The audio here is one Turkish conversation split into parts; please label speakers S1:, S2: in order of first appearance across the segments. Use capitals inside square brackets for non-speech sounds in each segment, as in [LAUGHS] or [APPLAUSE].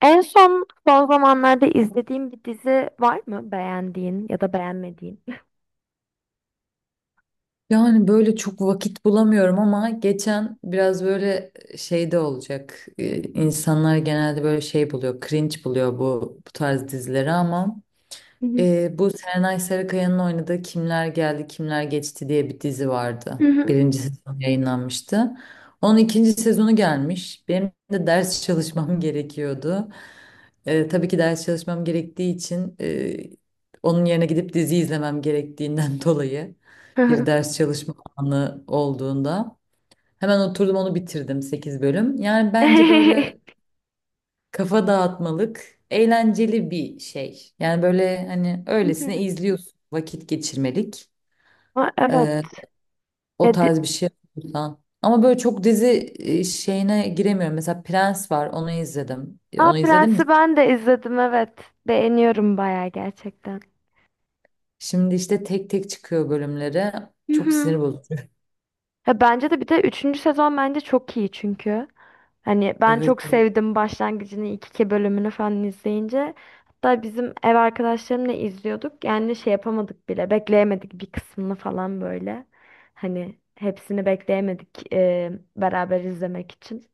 S1: En son son zamanlarda izlediğin bir dizi var mı beğendiğin ya da beğenmediğin?
S2: Yani böyle çok vakit bulamıyorum ama geçen biraz böyle şeyde olacak. İnsanlar genelde böyle şey buluyor, cringe buluyor bu tarz dizileri ama
S1: Hı hı.
S2: bu Serenay Sarıkaya'nın oynadığı Kimler Geldi Kimler Geçti diye bir dizi
S1: Hı
S2: vardı.
S1: hı.
S2: Birinci sezon yayınlanmıştı. Onun ikinci sezonu gelmiş. Benim de ders [LAUGHS] çalışmam gerekiyordu. Tabii ki ders çalışmam gerektiği için onun yerine gidip dizi izlemem gerektiğinden [LAUGHS] dolayı
S1: Hı
S2: bir
S1: hı.
S2: ders çalışma anı olduğunda hemen oturdum onu bitirdim 8 bölüm. Yani bence böyle
S1: [LAUGHS]
S2: kafa dağıtmalık, eğlenceli bir şey. Yani böyle hani
S1: Hı hı.
S2: öylesine izliyorsun, vakit geçirmelik.
S1: Aa, evet.
S2: Ee, o
S1: Ya, di-
S2: tarz bir şey yapıyorsan. Ama böyle çok dizi şeyine giremiyorum. Mesela Prens var, onu izledim.
S1: Aa,
S2: Onu izledin mi?
S1: Prens'i ben de izledim, evet. Beğeniyorum bayağı gerçekten.
S2: Şimdi işte tek tek çıkıyor bölümleri.
S1: Hı
S2: Çok
S1: hı.
S2: sinir bozucu.
S1: Ya bence de, bir de üçüncü sezon bence çok iyi çünkü. Hani ben
S2: Evet,
S1: çok
S2: evet.
S1: sevdim başlangıcını, ilk iki bölümünü falan izleyince. Hatta bizim ev arkadaşlarımla izliyorduk. Yani şey yapamadık bile. Bekleyemedik bir kısmını falan böyle. Hani hepsini bekleyemedik beraber izlemek için.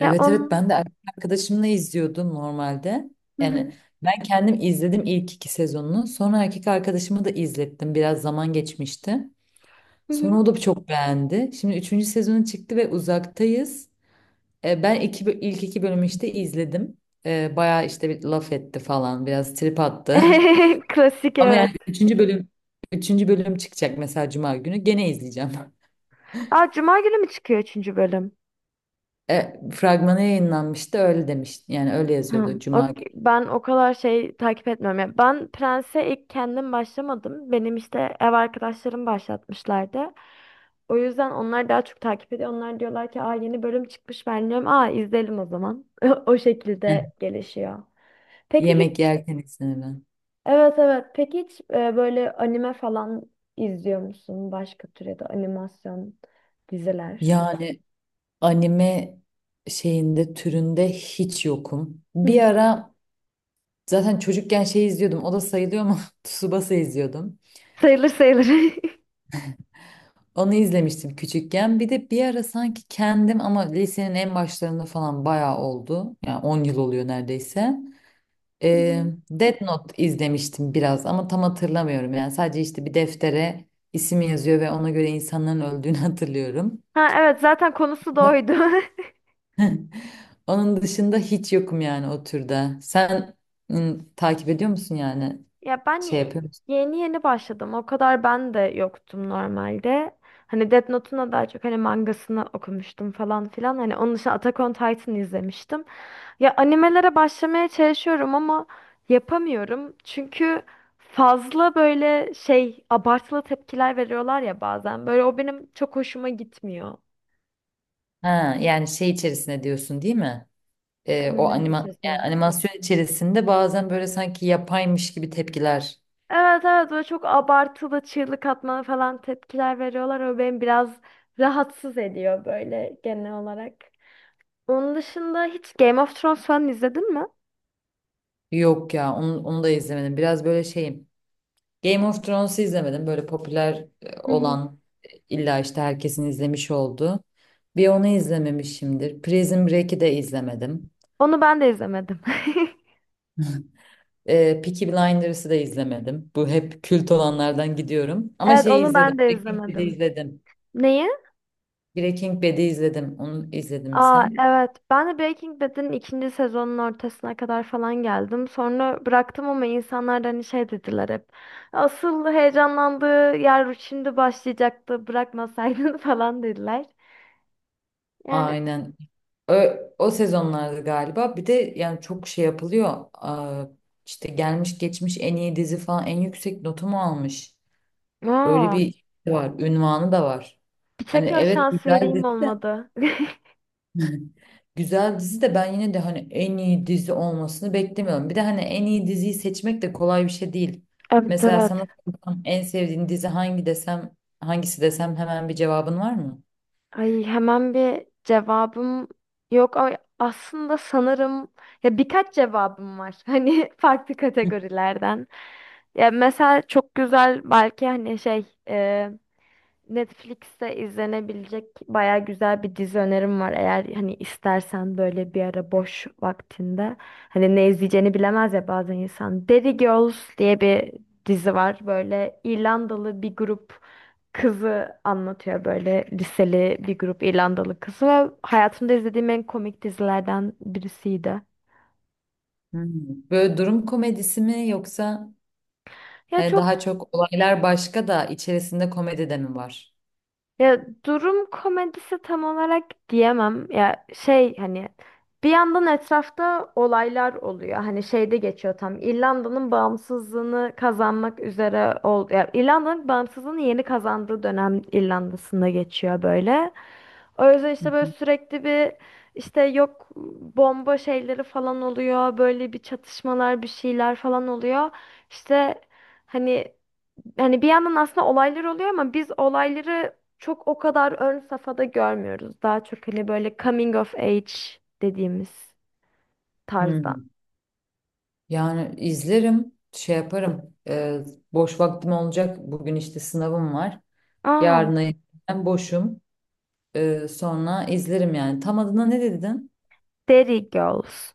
S1: Ya
S2: evet.
S1: onun...
S2: Ben de erkek arkadaşımla izliyordum normalde.
S1: Hı hı,
S2: Yani ben kendim izledim ilk iki sezonunu. Sonra erkek arkadaşımı da izlettim. Biraz zaman geçmişti.
S1: hı
S2: Sonra
S1: hı.
S2: o da çok beğendi. Şimdi üçüncü sezonu çıktı ve uzaktayız. Ben ilk iki bölümü işte izledim. Bayağı işte bir laf etti falan. Biraz trip attı.
S1: [LAUGHS] Klasik,
S2: [LAUGHS] Ama yani
S1: evet.
S2: üçüncü bölüm çıkacak mesela Cuma günü. Gene izleyeceğim. [LAUGHS]
S1: Aa, Cuma günü mü çıkıyor üçüncü bölüm?
S2: Fragmanı yayınlanmıştı öyle demiş. Yani öyle
S1: Hı,
S2: yazıyordu Cuma günü.
S1: Ben o kadar şey takip etmiyorum. Ya ben Prens'e ilk kendim başlamadım. Benim işte ev arkadaşlarım başlatmışlardı. O yüzden onlar daha çok takip ediyor. Onlar diyorlar ki aa yeni bölüm çıkmış, ben diyorum aa izleyelim o zaman. [LAUGHS] O
S2: Heh.
S1: şekilde gelişiyor. Peki
S2: Yemek
S1: hiç
S2: yerken izlenilen.
S1: evet, evet. Peki hiç böyle anime falan izliyor musun? Başka tür ya da animasyon diziler.
S2: Yani anime şeyinde türünde hiç yokum. Bir
S1: Hı.
S2: ara zaten çocukken şey izliyordum. O da sayılıyor ama [LAUGHS] Tsubasa izliyordum.
S1: Sayılır sayılır. [LAUGHS]
S2: Onu izlemiştim küçükken. Bir de bir ara sanki kendim ama lisenin en başlarında falan bayağı oldu. Yani 10 yıl oluyor neredeyse.
S1: Hı
S2: Ee,
S1: hı.
S2: Death Note izlemiştim biraz ama tam hatırlamıyorum. Yani sadece işte bir deftere isim yazıyor ve ona göre insanların öldüğünü [LAUGHS] hatırlıyorum.
S1: Ha evet, zaten konusu da oydu. [LAUGHS]
S2: Onun dışında hiç yokum yani o türde. Sen takip ediyor musun yani?
S1: Ya ben
S2: Şey
S1: ye-
S2: yapıyor musun?
S1: Yeni yeni başladım. O kadar ben de yoktum normalde. Hani Death Note'un da daha çok hani mangasını okumuştum falan filan. Hani onun dışında Attack on Titan izlemiştim. Ya animelere başlamaya çalışıyorum ama yapamıyorum. Çünkü fazla böyle şey abartılı tepkiler veriyorlar ya bazen. Böyle o benim çok hoşuma gitmiyor.
S2: Ha, yani şey içerisine diyorsun değil mi? O
S1: Animenin
S2: anima yani
S1: içerisinde.
S2: animasyon içerisinde bazen böyle sanki yapaymış gibi tepkiler.
S1: Evet evet, böyle çok abartılı çığlık atmalı falan tepkiler veriyorlar. O beni biraz rahatsız ediyor böyle genel olarak. Onun dışında hiç Game of Thrones falan izledin mi?
S2: Yok ya onu da izlemedim. Biraz böyle şeyim. Game of Thrones'u izlemedim. Böyle popüler
S1: Hı hı.
S2: olan illa işte herkesin izlemiş olduğu. Bir onu izlememişimdir. Prison Break'i de izlemedim.
S1: Onu ben de izlemedim. [LAUGHS]
S2: Peaky Blinders'ı da izlemedim. Bu hep kült olanlardan gidiyorum. Ama
S1: Evet,
S2: şeyi
S1: onu ben
S2: izledim.
S1: de
S2: Breaking Bad'i
S1: izlemedim.
S2: izledim.
S1: Neyi?
S2: Breaking Bad'i izledim. Onu izledin mi
S1: Aa
S2: sen?
S1: evet, ben de Breaking Bad'in ikinci sezonun ortasına kadar falan geldim. Sonra bıraktım ama insanlar da hani şey dediler hep. Asıl heyecanlandığı yer şimdi başlayacaktı bırakmasaydın [LAUGHS] falan dediler. Yani
S2: Aynen. O, sezonlarda galiba. Bir de yani çok şey yapılıyor. Aa, işte gelmiş geçmiş en iyi dizi falan en yüksek notu mu almış? Öyle
S1: aa.
S2: bir şey var. Ünvanı da var. Hani
S1: Tekrar
S2: evet
S1: şans
S2: güzel
S1: vereyim
S2: dizi de.
S1: olmadı. [LAUGHS]
S2: Güzel dizi de ben yine de hani en iyi dizi olmasını beklemiyorum. Bir de hani en iyi diziyi seçmek de kolay bir şey değil.
S1: Evet,
S2: Mesela
S1: evet.
S2: sana sorsam en sevdiğin dizi hangi desem, hangisi desem hemen bir cevabın var mı?
S1: Ay hemen bir cevabım yok ama aslında sanırım ya birkaç cevabım var. [LAUGHS] Hani farklı
S2: Hı.
S1: kategorilerden. Ya mesela çok güzel belki hani şey Netflix'te izlenebilecek baya güzel bir dizi önerim var. Eğer hani istersen böyle bir ara boş vaktinde hani ne izleyeceğini bilemez ya bazen insan. Derry Girls diye bir dizi var. Böyle İrlandalı bir grup kızı anlatıyor, böyle liseli bir grup İrlandalı kızı, ve hayatımda izlediğim en komik dizilerden birisiydi.
S2: Hmm. Böyle durum komedisi mi yoksa
S1: Ya
S2: hani
S1: çok
S2: daha çok olaylar başka da içerisinde komedi de mi var?
S1: Ya durum komedisi tam olarak diyemem. Ya şey hani bir yandan etrafta olaylar oluyor. Hani şeyde geçiyor tam. İrlanda'nın bağımsızlığını kazanmak üzere ol Ya İrlanda'nın bağımsızlığını yeni kazandığı dönem İrlanda'sında geçiyor böyle. O yüzden
S2: Hı
S1: işte böyle
S2: hı.
S1: sürekli bir işte yok bomba şeyleri falan oluyor. Böyle bir çatışmalar, bir şeyler falan oluyor. İşte hani hani bir yandan aslında olaylar oluyor ama biz olayları çok o kadar ön safhada görmüyoruz. Daha çok hani böyle coming of age dediğimiz tarzdan.
S2: Hmm. Yani izlerim, şey yaparım. Boş vaktim olacak. Bugün işte sınavım var.
S1: Aa,
S2: Yarına ben boşum. Sonra izlerim yani. Tam adına ne dedin?
S1: Derry Girls.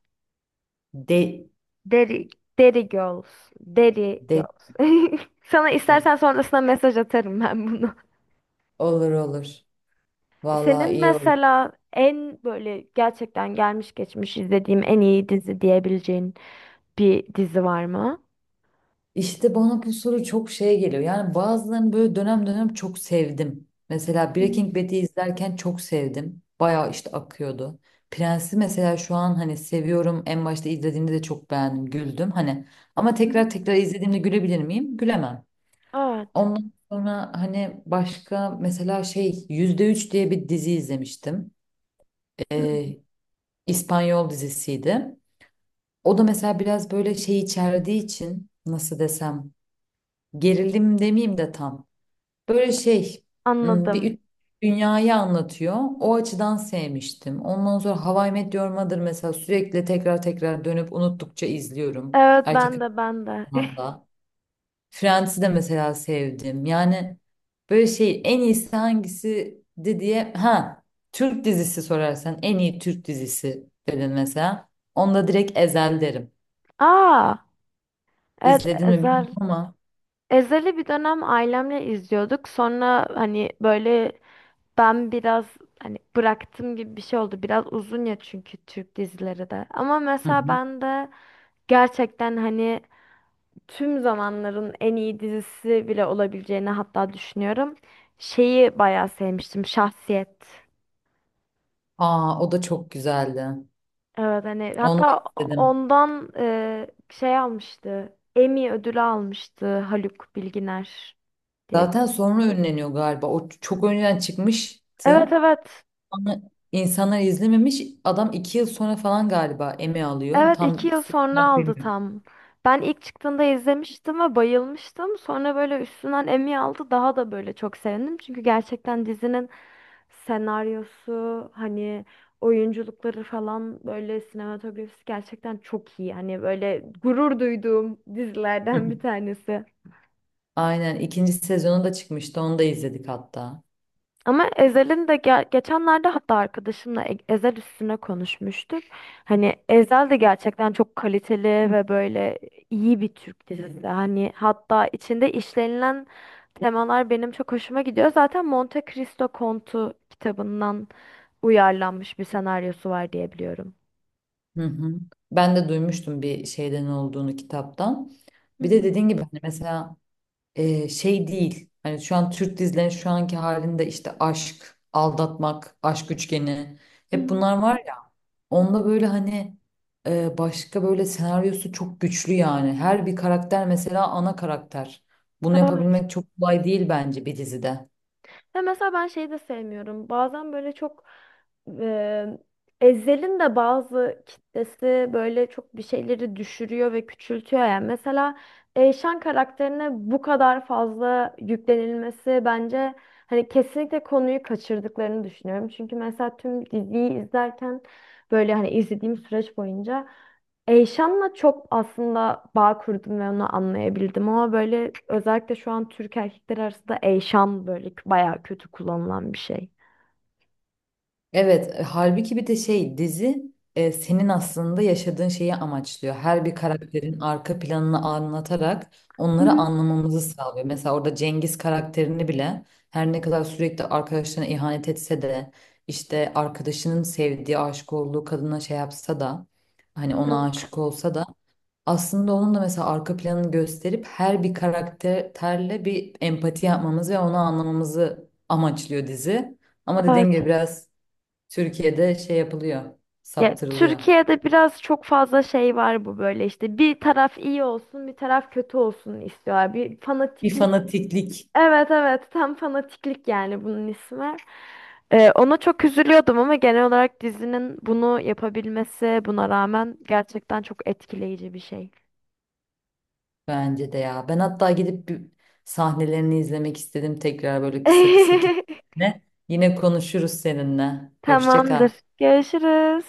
S2: De,
S1: Derry, Derry Girls. Derry
S2: De.
S1: Girls. [LAUGHS] Sana
S2: De.
S1: istersen sonrasında mesaj atarım ben bunu.
S2: Olur olur. Vallahi
S1: Senin
S2: iyi olur.
S1: mesela en böyle gerçekten gelmiş geçmiş izlediğim en iyi dizi diyebileceğin bir dizi var mı?
S2: İşte bana bu soru çok şey geliyor. Yani bazılarını böyle dönem dönem çok sevdim. Mesela
S1: Hı hı.
S2: Breaking Bad'i izlerken çok sevdim. Bayağı işte akıyordu. Prens'i mesela şu an hani seviyorum. En başta izlediğimde de çok beğendim, güldüm. Hani ama
S1: Hı hı.
S2: tekrar tekrar izlediğimde gülebilir miyim? Gülemem.
S1: Evet.
S2: Ondan sonra hani başka mesela şey %3 diye bir dizi izlemiştim.
S1: Hı.
S2: Ee, İspanyol dizisiydi. O da mesela biraz böyle şey içerdiği için nasıl desem gerilim demeyeyim de tam. Böyle şey
S1: Anladım.
S2: bir üç dünyayı anlatıyor. O açıdan sevmiştim. Ondan sonra How I Met Your Mother mesela sürekli tekrar tekrar dönüp unuttukça izliyorum.
S1: Evet
S2: Erkek
S1: ben de, ben de.
S2: Arkadaşlar'dan da. Friends'i de mesela sevdim. Yani böyle şey en iyisi hangisi de diye ha Türk dizisi sorarsan en iyi Türk dizisi dedin mesela. Onda direkt Ezel derim.
S1: [LAUGHS] Aa, evet
S2: İzledin mi bilmiyorum
S1: Ezel.
S2: ama.
S1: Ezel'i bir dönem ailemle izliyorduk. Sonra hani böyle ben biraz hani bıraktım gibi bir şey oldu. Biraz uzun ya çünkü Türk dizileri de. Ama
S2: Hı
S1: mesela
S2: hı.
S1: ben de gerçekten hani tüm zamanların en iyi dizisi bile olabileceğini hatta düşünüyorum. Şeyi bayağı sevmiştim. Şahsiyet.
S2: Aa, o da çok güzeldi.
S1: Evet hani
S2: Onu da
S1: hatta
S2: izledim.
S1: ondan şey almıştı. Emmy ödülü almıştı Haluk Bilginer diye.
S2: Zaten
S1: bir-
S2: sonra ünleniyor galiba. O çok önceden
S1: Evet,
S2: çıkmıştı.
S1: evet.
S2: Ama insanlar izlememiş. Adam 2 yıl sonra falan galiba Emmy alıyor.
S1: Evet, iki
S2: Tam
S1: yıl
S2: süre
S1: sonra
S2: olarak
S1: aldı
S2: bilmiyorum.
S1: tam. Ben ilk çıktığında izlemiştim ve bayılmıştım. Sonra böyle üstünden Emmy aldı, daha da böyle çok sevindim. Çünkü gerçekten dizinin senaryosu hani oyunculukları falan böyle sinematografisi gerçekten çok iyi. Hani böyle gurur duyduğum dizilerden bir
S2: [LAUGHS]
S1: tanesi.
S2: Aynen ikinci sezonu da çıkmıştı. Onu da izledik hatta.
S1: Ama Ezel'in de geçenlerde hatta arkadaşımla Ezel üstüne konuşmuştuk. Hani Ezel de gerçekten çok kaliteli ve böyle iyi bir Türk dizisi. Hani hatta içinde işlenilen temalar benim çok hoşuma gidiyor. Zaten Monte Cristo Kontu kitabından uyarlanmış bir senaryosu var diye biliyorum.
S2: Hı hı. Ben de duymuştum bir şeyden olduğunu kitaptan.
S1: Hı
S2: Bir de
S1: hı.
S2: dediğin gibi hani mesela şey değil. Hani şu an Türk dizilerinin şu anki halinde işte aşk, aldatmak, aşk üçgeni
S1: Hı
S2: hep
S1: hı.
S2: bunlar var ya. Onda böyle hani başka böyle senaryosu çok güçlü yani. Her bir karakter mesela ana karakter. Bunu
S1: Evet.
S2: yapabilmek çok kolay değil bence bir dizide.
S1: Ve mesela ben şeyi de sevmiyorum. Bazen böyle çok e, Ezhel'in de bazı kitlesi böyle çok bir şeyleri düşürüyor ve küçültüyor yani. Mesela Eyşan karakterine bu kadar fazla yüklenilmesi bence hani kesinlikle konuyu kaçırdıklarını düşünüyorum. Çünkü mesela tüm diziyi izlerken böyle hani izlediğim süreç boyunca Eyşan'la çok aslında bağ kurdum ve onu anlayabildim, ama böyle özellikle şu an Türk erkekler arasında Eyşan böyle bayağı kötü kullanılan bir şey.
S2: Evet, halbuki bir de şey dizi senin aslında yaşadığın şeyi amaçlıyor. Her bir karakterin arka planını anlatarak
S1: Hı
S2: onları
S1: hı.
S2: anlamamızı sağlıyor. Mesela orada Cengiz karakterini bile her ne kadar sürekli arkadaşlarına ihanet etse de işte arkadaşının sevdiği, aşık olduğu kadına şey yapsa da hani ona
S1: Evet.
S2: aşık olsa da aslında onun da mesela arka planını gösterip her bir karakterle bir empati yapmamız ve onu anlamamızı amaçlıyor dizi. Ama dediğin
S1: Evet.
S2: gibi biraz Türkiye'de şey yapılıyor,
S1: Ya
S2: saptırılıyor.
S1: Türkiye'de biraz çok fazla şey var bu, böyle işte bir taraf iyi olsun bir taraf kötü olsun istiyorlar. Bir
S2: Bir
S1: fanatiklik.
S2: fanatiklik
S1: Evet evet, tam fanatiklik yani bunun ismi. Ona çok üzülüyordum ama genel olarak dizinin bunu yapabilmesi buna rağmen gerçekten çok etkileyici bir şey.
S2: bence de ya. Ben hatta gidip bir sahnelerini izlemek istedim tekrar böyle kısa kısa
S1: [LAUGHS]
S2: kesitlerini. Yine konuşuruz seninle. Hoşça kal.
S1: Tamamdır. Görüşürüz.